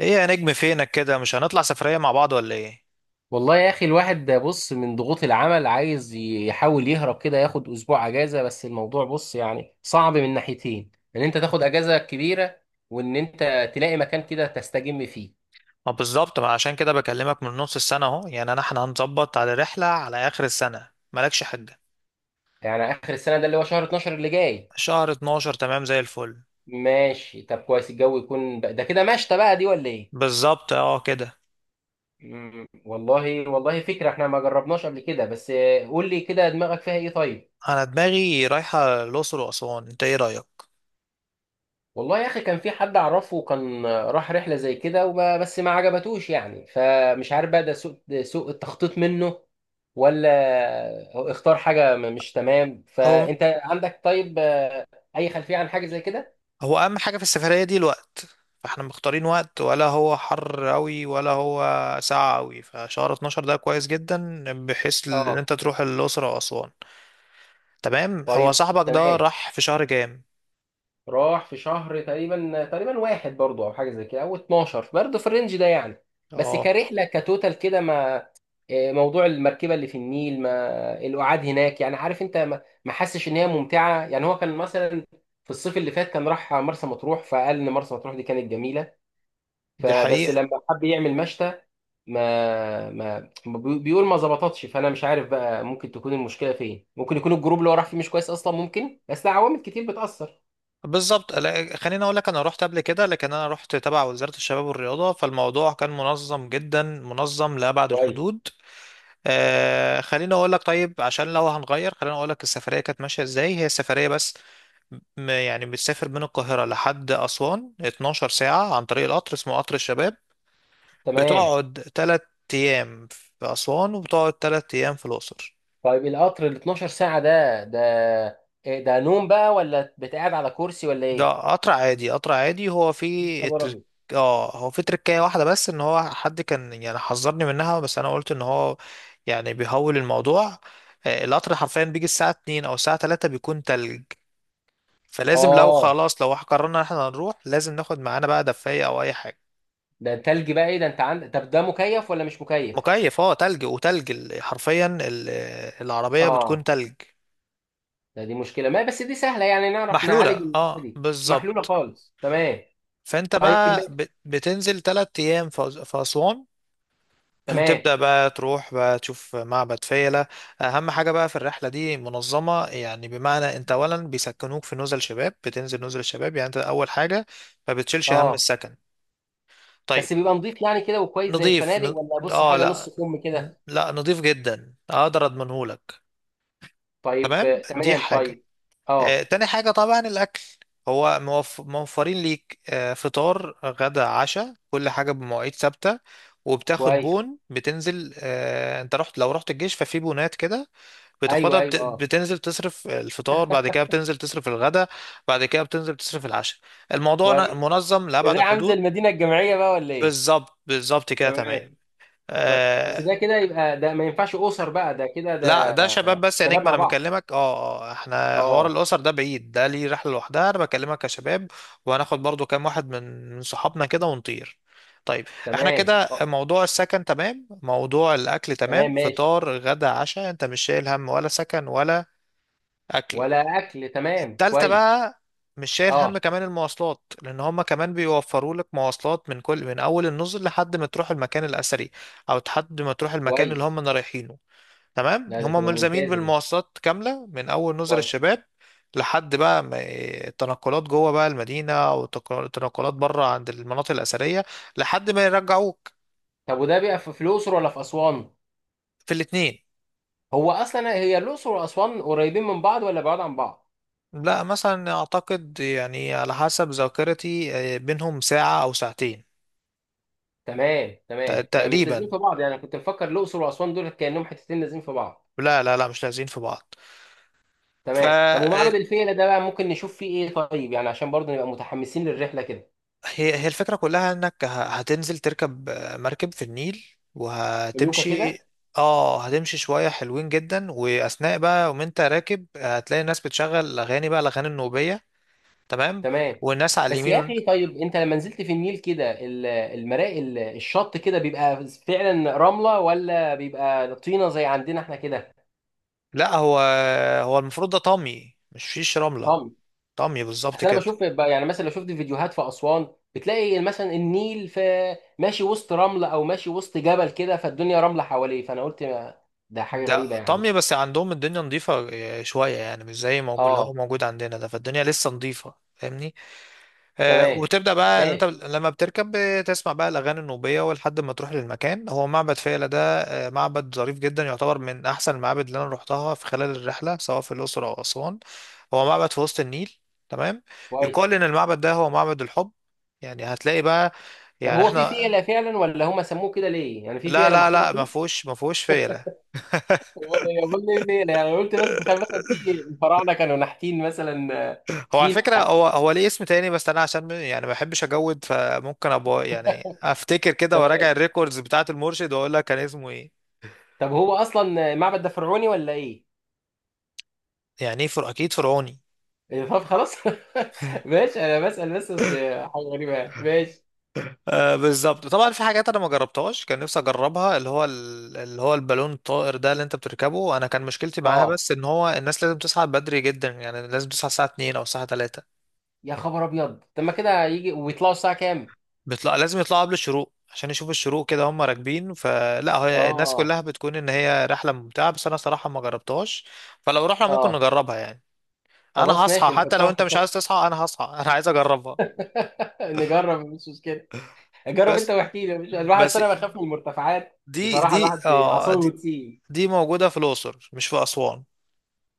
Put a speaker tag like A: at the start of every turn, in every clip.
A: ايه يا نجم فينك كده؟ مش هنطلع سفرية مع بعض ولا ايه؟
B: والله يا اخي، الواحد ده بص من ضغوط العمل عايز يحاول يهرب كده ياخد اسبوع اجازه. بس الموضوع بص يعني صعب من ناحيتين، ان انت تاخد اجازه كبيره وان انت تلاقي مكان كده تستجم فيه.
A: ما بالظبط، ما عشان كده بكلمك من نص السنة اهو. يعني احنا هنظبط على رحلة على اخر السنة، مالكش حاجة.
B: يعني اخر السنه ده اللي هو شهر 12 اللي جاي.
A: شهر 12 تمام زي الفل.
B: ماشي طب كويس، الجو يكون بقى ده كده مشتى بقى دي ولا ايه؟
A: بالظبط، اه كده.
B: والله فكره، احنا ما جربناش قبل كده. بس قول لي كده دماغك فيها ايه طيب.
A: انا دماغي رايحة الاقصر واسوان، انت ايه رأيك؟
B: والله يا اخي كان في حد اعرفه كان راح رحله زي كده وما بس ما عجبتوش يعني، فمش عارف بقى ده سوء التخطيط منه، ولا هو اختار حاجه مش تمام.
A: هو
B: فانت عندك طيب اي خلفيه عن حاجه زي كده؟
A: هو اهم حاجة في السفرية دي الوقت، فاحنا مختارين وقت ولا هو حر قوي ولا هو ساقع قوي. فشهر 12 ده كويس جدا بحيث ان
B: اه.
A: انت تروح الاقصر واسوان. تمام، هو
B: طيب
A: صاحبك ده
B: تمام.
A: راح في شهر كام؟
B: راح في شهر تقريبا واحد برضو او حاجه زي كده او 12 برضو في الرينج ده يعني. بس
A: اه
B: كرحله كتوتال كده ما... إيه، موضوع المركبه اللي في النيل، ما القعاد هناك يعني، عارف انت ما حسش ان هي ممتعه يعني؟ هو كان مثلا في الصيف اللي فات كان راح مرسى مطروح فقال ان مرسى مطروح دي كانت جميله،
A: دي
B: فبس
A: حقيقة.
B: لما حب يعمل مشتى ما بيقول ما ظبطتش، فانا مش عارف بقى ممكن تكون المشكله فين، ممكن يكون الجروب اللي هو راح فيه مش كويس اصلا، ممكن بس ده عوامل كتير بتاثر.
A: بالظبط، لا، خليني اقول لك، انا رحت قبل كده لكن انا رحت تبع وزارة الشباب والرياضة، فالموضوع كان منظم جدا، منظم لأبعد الحدود. خليني اقول لك طيب، عشان لو هنغير خليني اقول لك السفرية كانت ماشية ازاي، هي السفرية بس. يعني بتسافر من القاهرة لحد أسوان 12 ساعة عن طريق القطر، اسمه قطر الشباب.
B: تمام.
A: بتقعد 3 أيام في أسوان، وبتقعد 3 أيام في الأقصر.
B: طيب القطر ال 12 ساعة ده إيه، ده نوم بقى ولا بتقعد على كرسي ولا
A: ده
B: ايه؟
A: قطر عادي، قطر عادي. هو في
B: خبر
A: الترك...
B: ابيض.
A: اه هو في تركية واحدة، بس ان هو حد كان يعني حذرني منها، بس انا قلت ان هو يعني بيهول الموضوع. القطر حرفيا بيجي الساعة 2 او الساعة 3 بيكون تلج. فلازم لو
B: اه.
A: خلاص لو قررنا ان احنا هنروح، لازم ناخد معانا بقى دفاية او اي حاجة.
B: ده تلج بقى ايه ده، انت عندك طب ده مكيف ولا مش مكيف؟
A: مكيف، اه، تلج، وتلج حرفيا العربية بتكون
B: اه.
A: تلج.
B: دي مشكلة ما بس دي سهلة يعني، نعرف
A: محلولة،
B: نعالج الحاجة
A: اه،
B: دي. محلولة
A: بالظبط.
B: خالص تمام.
A: فانت
B: طيب
A: بقى بتنزل تلات ايام في اسوان.
B: تمام
A: تبدأ بقى تروح بقى تشوف معبد فيلة. أهم حاجة بقى في الرحلة دي، منظمة، يعني بمعنى أنت أولا بيسكنوك في نزل شباب، بتنزل نزل الشباب. يعني أنت أول حاجة ما بتشيلش هم
B: اه.
A: السكن. طيب،
B: بس بيبقى نظيف يعني كده وكويس زي
A: نضيف
B: الفنادق،
A: ن...
B: ولا بص
A: آه
B: حاجة نص
A: لا،
B: كم كده؟
A: لا، نضيف جدا، أقدر أضمنهولك.
B: طيب
A: تمام، دي
B: تمام
A: حاجة.
B: طيب. اه.
A: تاني حاجة طبعا الأكل، هو موفرين ليك، فطار غدا عشاء، كل حاجة بمواعيد ثابتة. وبتاخد
B: كويس.
A: بون، بتنزل، انت رحت لو رحت الجيش، ففي بونات كده.
B: ايوه
A: بتاخدها،
B: ايوه اه.
A: بتنزل تصرف الفطار، بعد كده بتنزل تصرف الغدا، بعد كده بتنزل تصرف العشاء. الموضوع
B: كويس.
A: منظم
B: ده
A: لأبعد
B: زي عامل زي
A: الحدود.
B: المدينة الجامعية بقى ولا ايه؟
A: بالظبط، بالظبط كده
B: تمام.
A: تمام.
B: كويس. بس
A: آه،
B: ده كده يبقى ده ما ينفعش اسر بقى، ده كده
A: لا
B: ده.
A: ده شباب بس يا
B: شباب
A: نجم،
B: مع
A: انا
B: بعض
A: بكلمك اه. احنا حوار
B: اه.
A: الاسر ده بعيد، ده ليه رحله لوحدها، انا بكلمك كشباب. وهناخد برضو كام واحد من صحابنا كده، ونطير. طيب، احنا
B: تمام
A: كده
B: اه.
A: موضوع السكن تمام، موضوع الاكل
B: تمام
A: تمام،
B: ماشي.
A: فطار غدا عشاء، انت مش شايل هم ولا سكن ولا اكل.
B: ولا اكل تمام
A: التالتة
B: كويس.
A: بقى، مش شايل هم
B: اه.
A: كمان المواصلات، لان هما كمان بيوفروا لك مواصلات من كل، من اول النزل لحد ما تروح المكان الاثري، او لحد ما تروح المكان اللي
B: كويس.
A: هما رايحينه. تمام،
B: لا، ده
A: هم
B: كده
A: ملزمين
B: ممتازه دي.
A: بالمواصلات كاملة من أول نزل
B: كويس.
A: الشباب لحد بقى التنقلات جوه بقى المدينة، أو التنقلات بره عند المناطق الأثرية، لحد ما يرجعوك.
B: طب وده بيبقى في الاقصر ولا في اسوان؟
A: في الاتنين.
B: هو اصلا هي الاقصر واسوان قريبين من بعض ولا بعاد عن بعض؟
A: لا مثلا أعتقد، يعني على حسب ذاكرتي، بينهم ساعة أو ساعتين
B: تمام تمام، ما مش لازمين
A: تقريبا.
B: في بعض يعني، أنا كنت مفكر الاقصر واسوان دول كانهم حتتين لازمين في بعض.
A: لا لا لا، مش لازقين في بعض.
B: تمام. طب ومعبد الفيلة ده بقى ممكن نشوف فيه ايه طيب يعني، عشان برضه نبقى متحمسين للرحله كده؟
A: هي الفكرة كلها، انك هتنزل تركب مركب في النيل
B: لوكا
A: وهتمشي.
B: كده.
A: اه هتمشي شوية حلوين جدا، واثناء بقى وانت راكب، هتلاقي الناس بتشغل اغاني، بقى الاغاني النوبية. تمام.
B: تمام.
A: والناس على
B: بس
A: اليمين
B: يا اخي طيب انت لما نزلت في النيل كده، الشط كده بيبقى فعلا رمله ولا بيبقى طينه زي عندنا احنا كده؟
A: لا هو، المفروض ده طمي، مش فيش رملة.
B: طم.
A: طمي بالظبط
B: اصل انا
A: كده.
B: بشوف يعني مثلا لو شفت فيديوهات في اسوان، بتلاقي مثلا النيل في ماشي وسط رمله او ماشي وسط جبل كده فالدنيا رمله حواليه، فانا قلت ده حاجه
A: ده
B: غريبه يعني.
A: طمي، بس عندهم الدنيا نظيفة، شوية يعني، مش زي موجود اللي هو
B: اه.
A: موجود عندنا ده، فالدنيا لسه نظيفة، فاهمني؟
B: تمام
A: وتبدأ بقى، اللي انت
B: ماشي.
A: لما بتركب بتسمع بقى الأغاني النوبية، ولحد ما تروح للمكان هو معبد فيلة ده. معبد ظريف جدا، يعتبر من أحسن المعابد اللي أنا روحتها في خلال الرحلة، سواء في الأقصر أو أسوان. هو معبد في وسط النيل. تمام.
B: كويس.
A: يقال إن المعبد ده هو معبد الحب. يعني هتلاقي بقى،
B: طب
A: يعني
B: هو في
A: احنا،
B: فيله فعلا ولا هم سموه كده ليه يعني، في
A: لا
B: فيله
A: لا
B: محطوطه
A: لا، ما
B: فيه؟
A: فيهوش، فيلة.
B: هي كل الليلة يعني، أنا قلت مثلا تخيل مثلا في الفراعنة كانوا نحتين مثلا
A: هو على
B: فيل
A: فكرة
B: ولا
A: هو ليه اسم تاني، بس أنا عشان يعني ما بحبش أجود، فممكن أبقى يعني
B: حاجه.
A: أفتكر كده وأراجع
B: تمام.
A: الريكوردز بتاعة المرشد وأقول لك كان اسمه إيه.
B: طب هو اصلا المعبد ده فرعوني ولا ايه؟
A: يعني ايه؟ اكيد فرعوني.
B: إيه، طب خلاص. ماشي انا بسأل بس اصل حاجه غريبه يعني. ماشي.
A: آه بالظبط، طبعا في حاجات انا ما جربتهاش كان نفسي اجربها، اللي هو اللي هو البالون الطائر ده اللي انت بتركبه. انا كان مشكلتي معاها
B: اه.
A: بس ان هو الناس لازم تصحى بدري جدا، يعني لازم تصحى الساعه 2 او الساعه 3.
B: يا خبر ابيض. طب ما كده يجي ويطلعوا الساعه كام؟
A: بيطلع، لازم يطلعوا قبل الشروق عشان يشوفوا الشروق كده هم راكبين. فلا هي الناس
B: اه.
A: كلها بتكون ان هي رحله ممتعه، بس انا صراحه ما جربتهاش. فلو رحنا ممكن
B: اه.
A: نجربها يعني. انا
B: خلاص
A: هصحى،
B: ماشي
A: حتى لو
B: نحطها
A: انت
B: في...
A: مش عايز تصحى انا هصحى. انا عايز اجربها.
B: نجرب مش مشكله. جرب انت
A: بس
B: واحكي لي مش الواحد،
A: بس
B: أصل انا بخاف من المرتفعات
A: دي
B: بصراحه،
A: دي
B: الواحد
A: اه
B: اعصابه بتسيب.
A: دي موجودة في الأقصر مش في أسوان.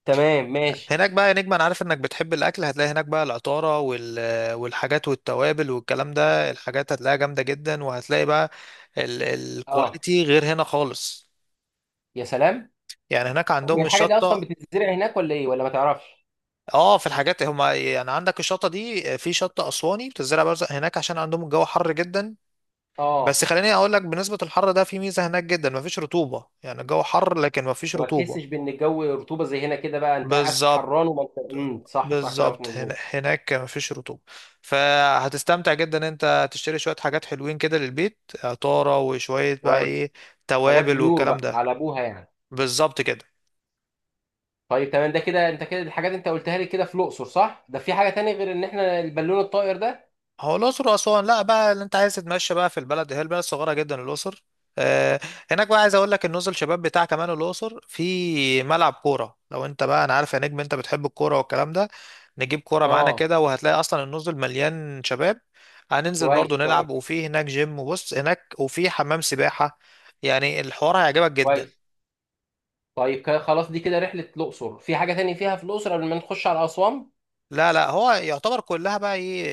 B: تمام ماشي.
A: هناك بقى يا نجم، أنا عارف إنك بتحب الأكل، هتلاقي هناك بقى العطارة والحاجات والتوابل والكلام ده، الحاجات هتلاقيها جامدة جدا، وهتلاقي بقى ال...
B: اه.
A: الكواليتي غير هنا خالص.
B: يا سلام.
A: يعني هناك
B: طب هي
A: عندهم
B: الحاجه دي اصلا
A: الشطة.
B: بتتزرع هناك ولا ايه، ولا ما تعرفش؟
A: اه في الحاجات، هما يعني عندك الشطة دي، في شطة أسواني بتزرع برزق هناك عشان عندهم الجو حر جدا.
B: اه.
A: بس خليني أقول لك، بالنسبة للحر ده في ميزة هناك جدا، مفيش رطوبة. يعني الجو حر لكن مفيش
B: فما
A: رطوبة.
B: تحسش بان الجو رطوبه زي هنا كده، بقى انت قاعد
A: بالظبط،
B: حران وما انت صح صح كلامك
A: بالظبط، هنا
B: مظبوط.
A: هناك مفيش رطوبة. فهتستمتع جدا، انت تشتري شوية حاجات حلوين كده للبيت، عطارة وشوية بقى ايه،
B: كويس. حاجات
A: توابل
B: بيور
A: والكلام
B: بقى
A: ده.
B: على ابوها يعني.
A: بالظبط كده.
B: طيب تمام، ده كده انت كده الحاجات انت قلتها لي كده في الاقصر صح، ده في حاجه تانية غير ان احنا البالون الطائر ده؟
A: هو الأقصر وأسوان، لا بقى اللي أنت عايز تتمشى بقى في البلد، هي البلد صغيرة جدا الأقصر. آه، هناك بقى عايز أقول لك النزل شباب بتاع كمان الأقصر في ملعب كورة، لو أنت بقى، أنا عارف يا نجم أنت بتحب الكورة والكلام ده. نجيب كورة معانا
B: اه.
A: كده، وهتلاقي أصلا النزل مليان شباب. هننزل برضو
B: كويس كويس
A: نلعب، وفي هناك جيم، وبص هناك وفي حمام سباحة. يعني الحوار هيعجبك جدا.
B: كويس. طيب كده خلاص، دي كده رحله الاقصر، في حاجه تانية فيها في الاقصر قبل ما نخش على اسوان؟
A: لا لا، هو يعتبر كلها بقى ايه،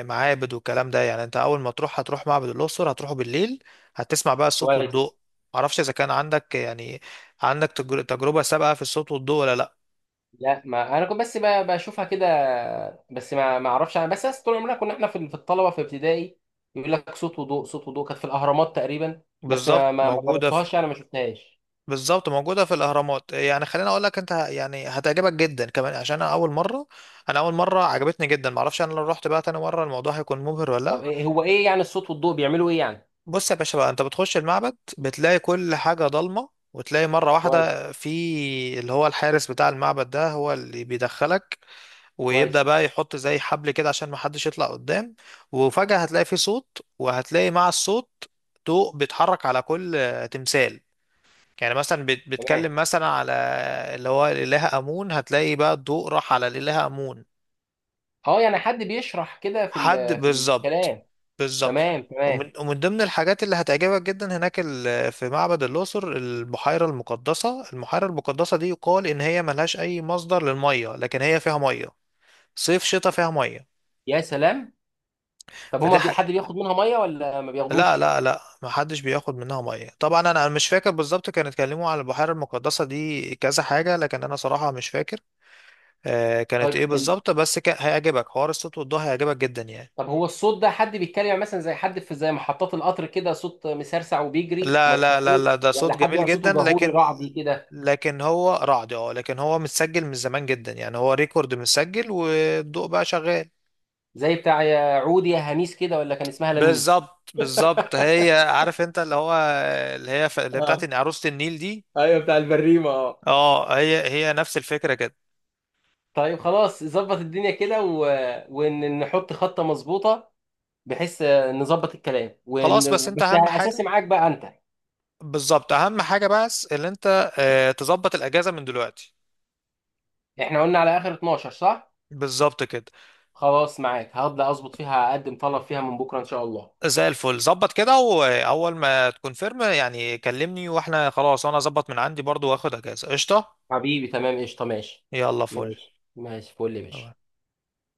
A: معابد والكلام ده. يعني انت اول ما تروح هتروح معبد الاقصر، هتروحه بالليل، هتسمع بقى الصوت
B: كويس.
A: والضوء. معرفش اذا كان عندك يعني عندك تجربة سابقة في الصوت والضوء ولا لا.
B: لا، ما انا كنت بس بشوفها كده، بس ما اعرفش انا بس، أصل طول عمرنا كنا احنا في الطلبه في ابتدائي يقول لك صوت وضوء صوت وضوء، كانت في الاهرامات تقريبا، بس
A: بالظبط
B: ما
A: موجودة في
B: جربتهاش يعني، ما شفتهاش.
A: بالظبط موجودة في الأهرامات. يعني خليني أقول لك، أنت يعني هتعجبك جدا كمان، عشان أنا أول مرة عجبتني جدا. معرفش أنا لو رحت بقى تاني مرة الموضوع هيكون مبهر ولا لأ.
B: طب إيه هو ايه يعني الصوت والضوء بيعملوا ايه يعني؟
A: بص يا باشا بقى، انت بتخش المعبد بتلاقي كل حاجة ضلمة، وتلاقي مرة
B: كويس.
A: واحدة في اللي هو الحارس بتاع المعبد ده هو اللي بيدخلك، ويبدأ
B: كويس.
A: بقى يحط زي حبل كده عشان محدش يطلع قدام. وفجأة هتلاقي في صوت، وهتلاقي مع الصوت ضوء بيتحرك على كل تمثال. يعني مثلا
B: تمام
A: بتكلم مثلا على اللي هو الإله آمون، هتلاقي بقى الضوء راح على الإله آمون.
B: اه. يعني حد بيشرح كده
A: حد
B: في
A: بالظبط،
B: الكلام؟
A: بالظبط.
B: تمام تمام.
A: ومن ضمن الحاجات اللي هتعجبك جدا هناك في معبد الأقصر البحيرة المقدسة. البحيرة المقدسة دي يقال إن هي ملهاش أي مصدر للمية، لكن هي فيها مية، صيف شتاء فيها مية.
B: يا سلام. طب
A: فدي
B: هما
A: ح...
B: حد بياخد منها ميه ولا ما
A: لا
B: بياخدوش؟
A: لا لا، محدش بياخد منها مية طبعا. أنا مش فاكر بالظبط، كانوا اتكلموا على البحيرة المقدسة دي كذا حاجة، لكن أنا صراحة مش فاكر آه كانت إيه
B: طيب.
A: بالظبط. هيعجبك حوار الصوت والضوء، هيعجبك جدا يعني.
B: طب هو الصوت ده حد بيتكلم يعني مثلا زي حد في زي محطات القطر كده صوت مسرسع وبيجري
A: لا
B: وما
A: لا لا
B: تفهموش،
A: لا، ده
B: ولا
A: صوت
B: حد
A: جميل
B: بقى
A: جدا،
B: صوته جهوري
A: لكن،
B: رعبي كده؟
A: لكن هو رعد اه، لكن هو متسجل من زمان جدا، يعني هو ريكورد متسجل والضوء بقى شغال.
B: زي بتاع يا عودي يا هميس كده، ولا كان اسمها لميس؟
A: بالظبط، بالظبط، هي عارف انت اللي هو، اللي هي اللي هي بتاعت
B: اه.
A: إن عروسة النيل دي.
B: ايوه بتاع البريمه اه.
A: اه هي نفس الفكرة كده.
B: طيب خلاص، ظبط الدنيا كده و... ونحط خطة مظبوطة بحيث نظبط الكلام
A: خلاص، بس
B: ون...
A: انت
B: بس
A: اهم
B: اساسي
A: حاجة.
B: معاك بقى انت.
A: بالظبط، اهم حاجة بس اللي انت تظبط الاجازة من دلوقتي.
B: احنا قلنا على اخر 12 صح؟
A: بالظبط كده.
B: خلاص معاك، هبدأ اظبط فيها، اقدم طلب فيها من بكرة ان شاء الله.
A: زي الفل، ظبط كده، واول ما تكون فيرم يعني كلمني، واحنا خلاص انا اظبط من عندي برضو واخد اجازة قشطة.
B: حبيبي تمام قشطة ماشي.
A: يلا فل.
B: ماشي ماشي فل يا باشا.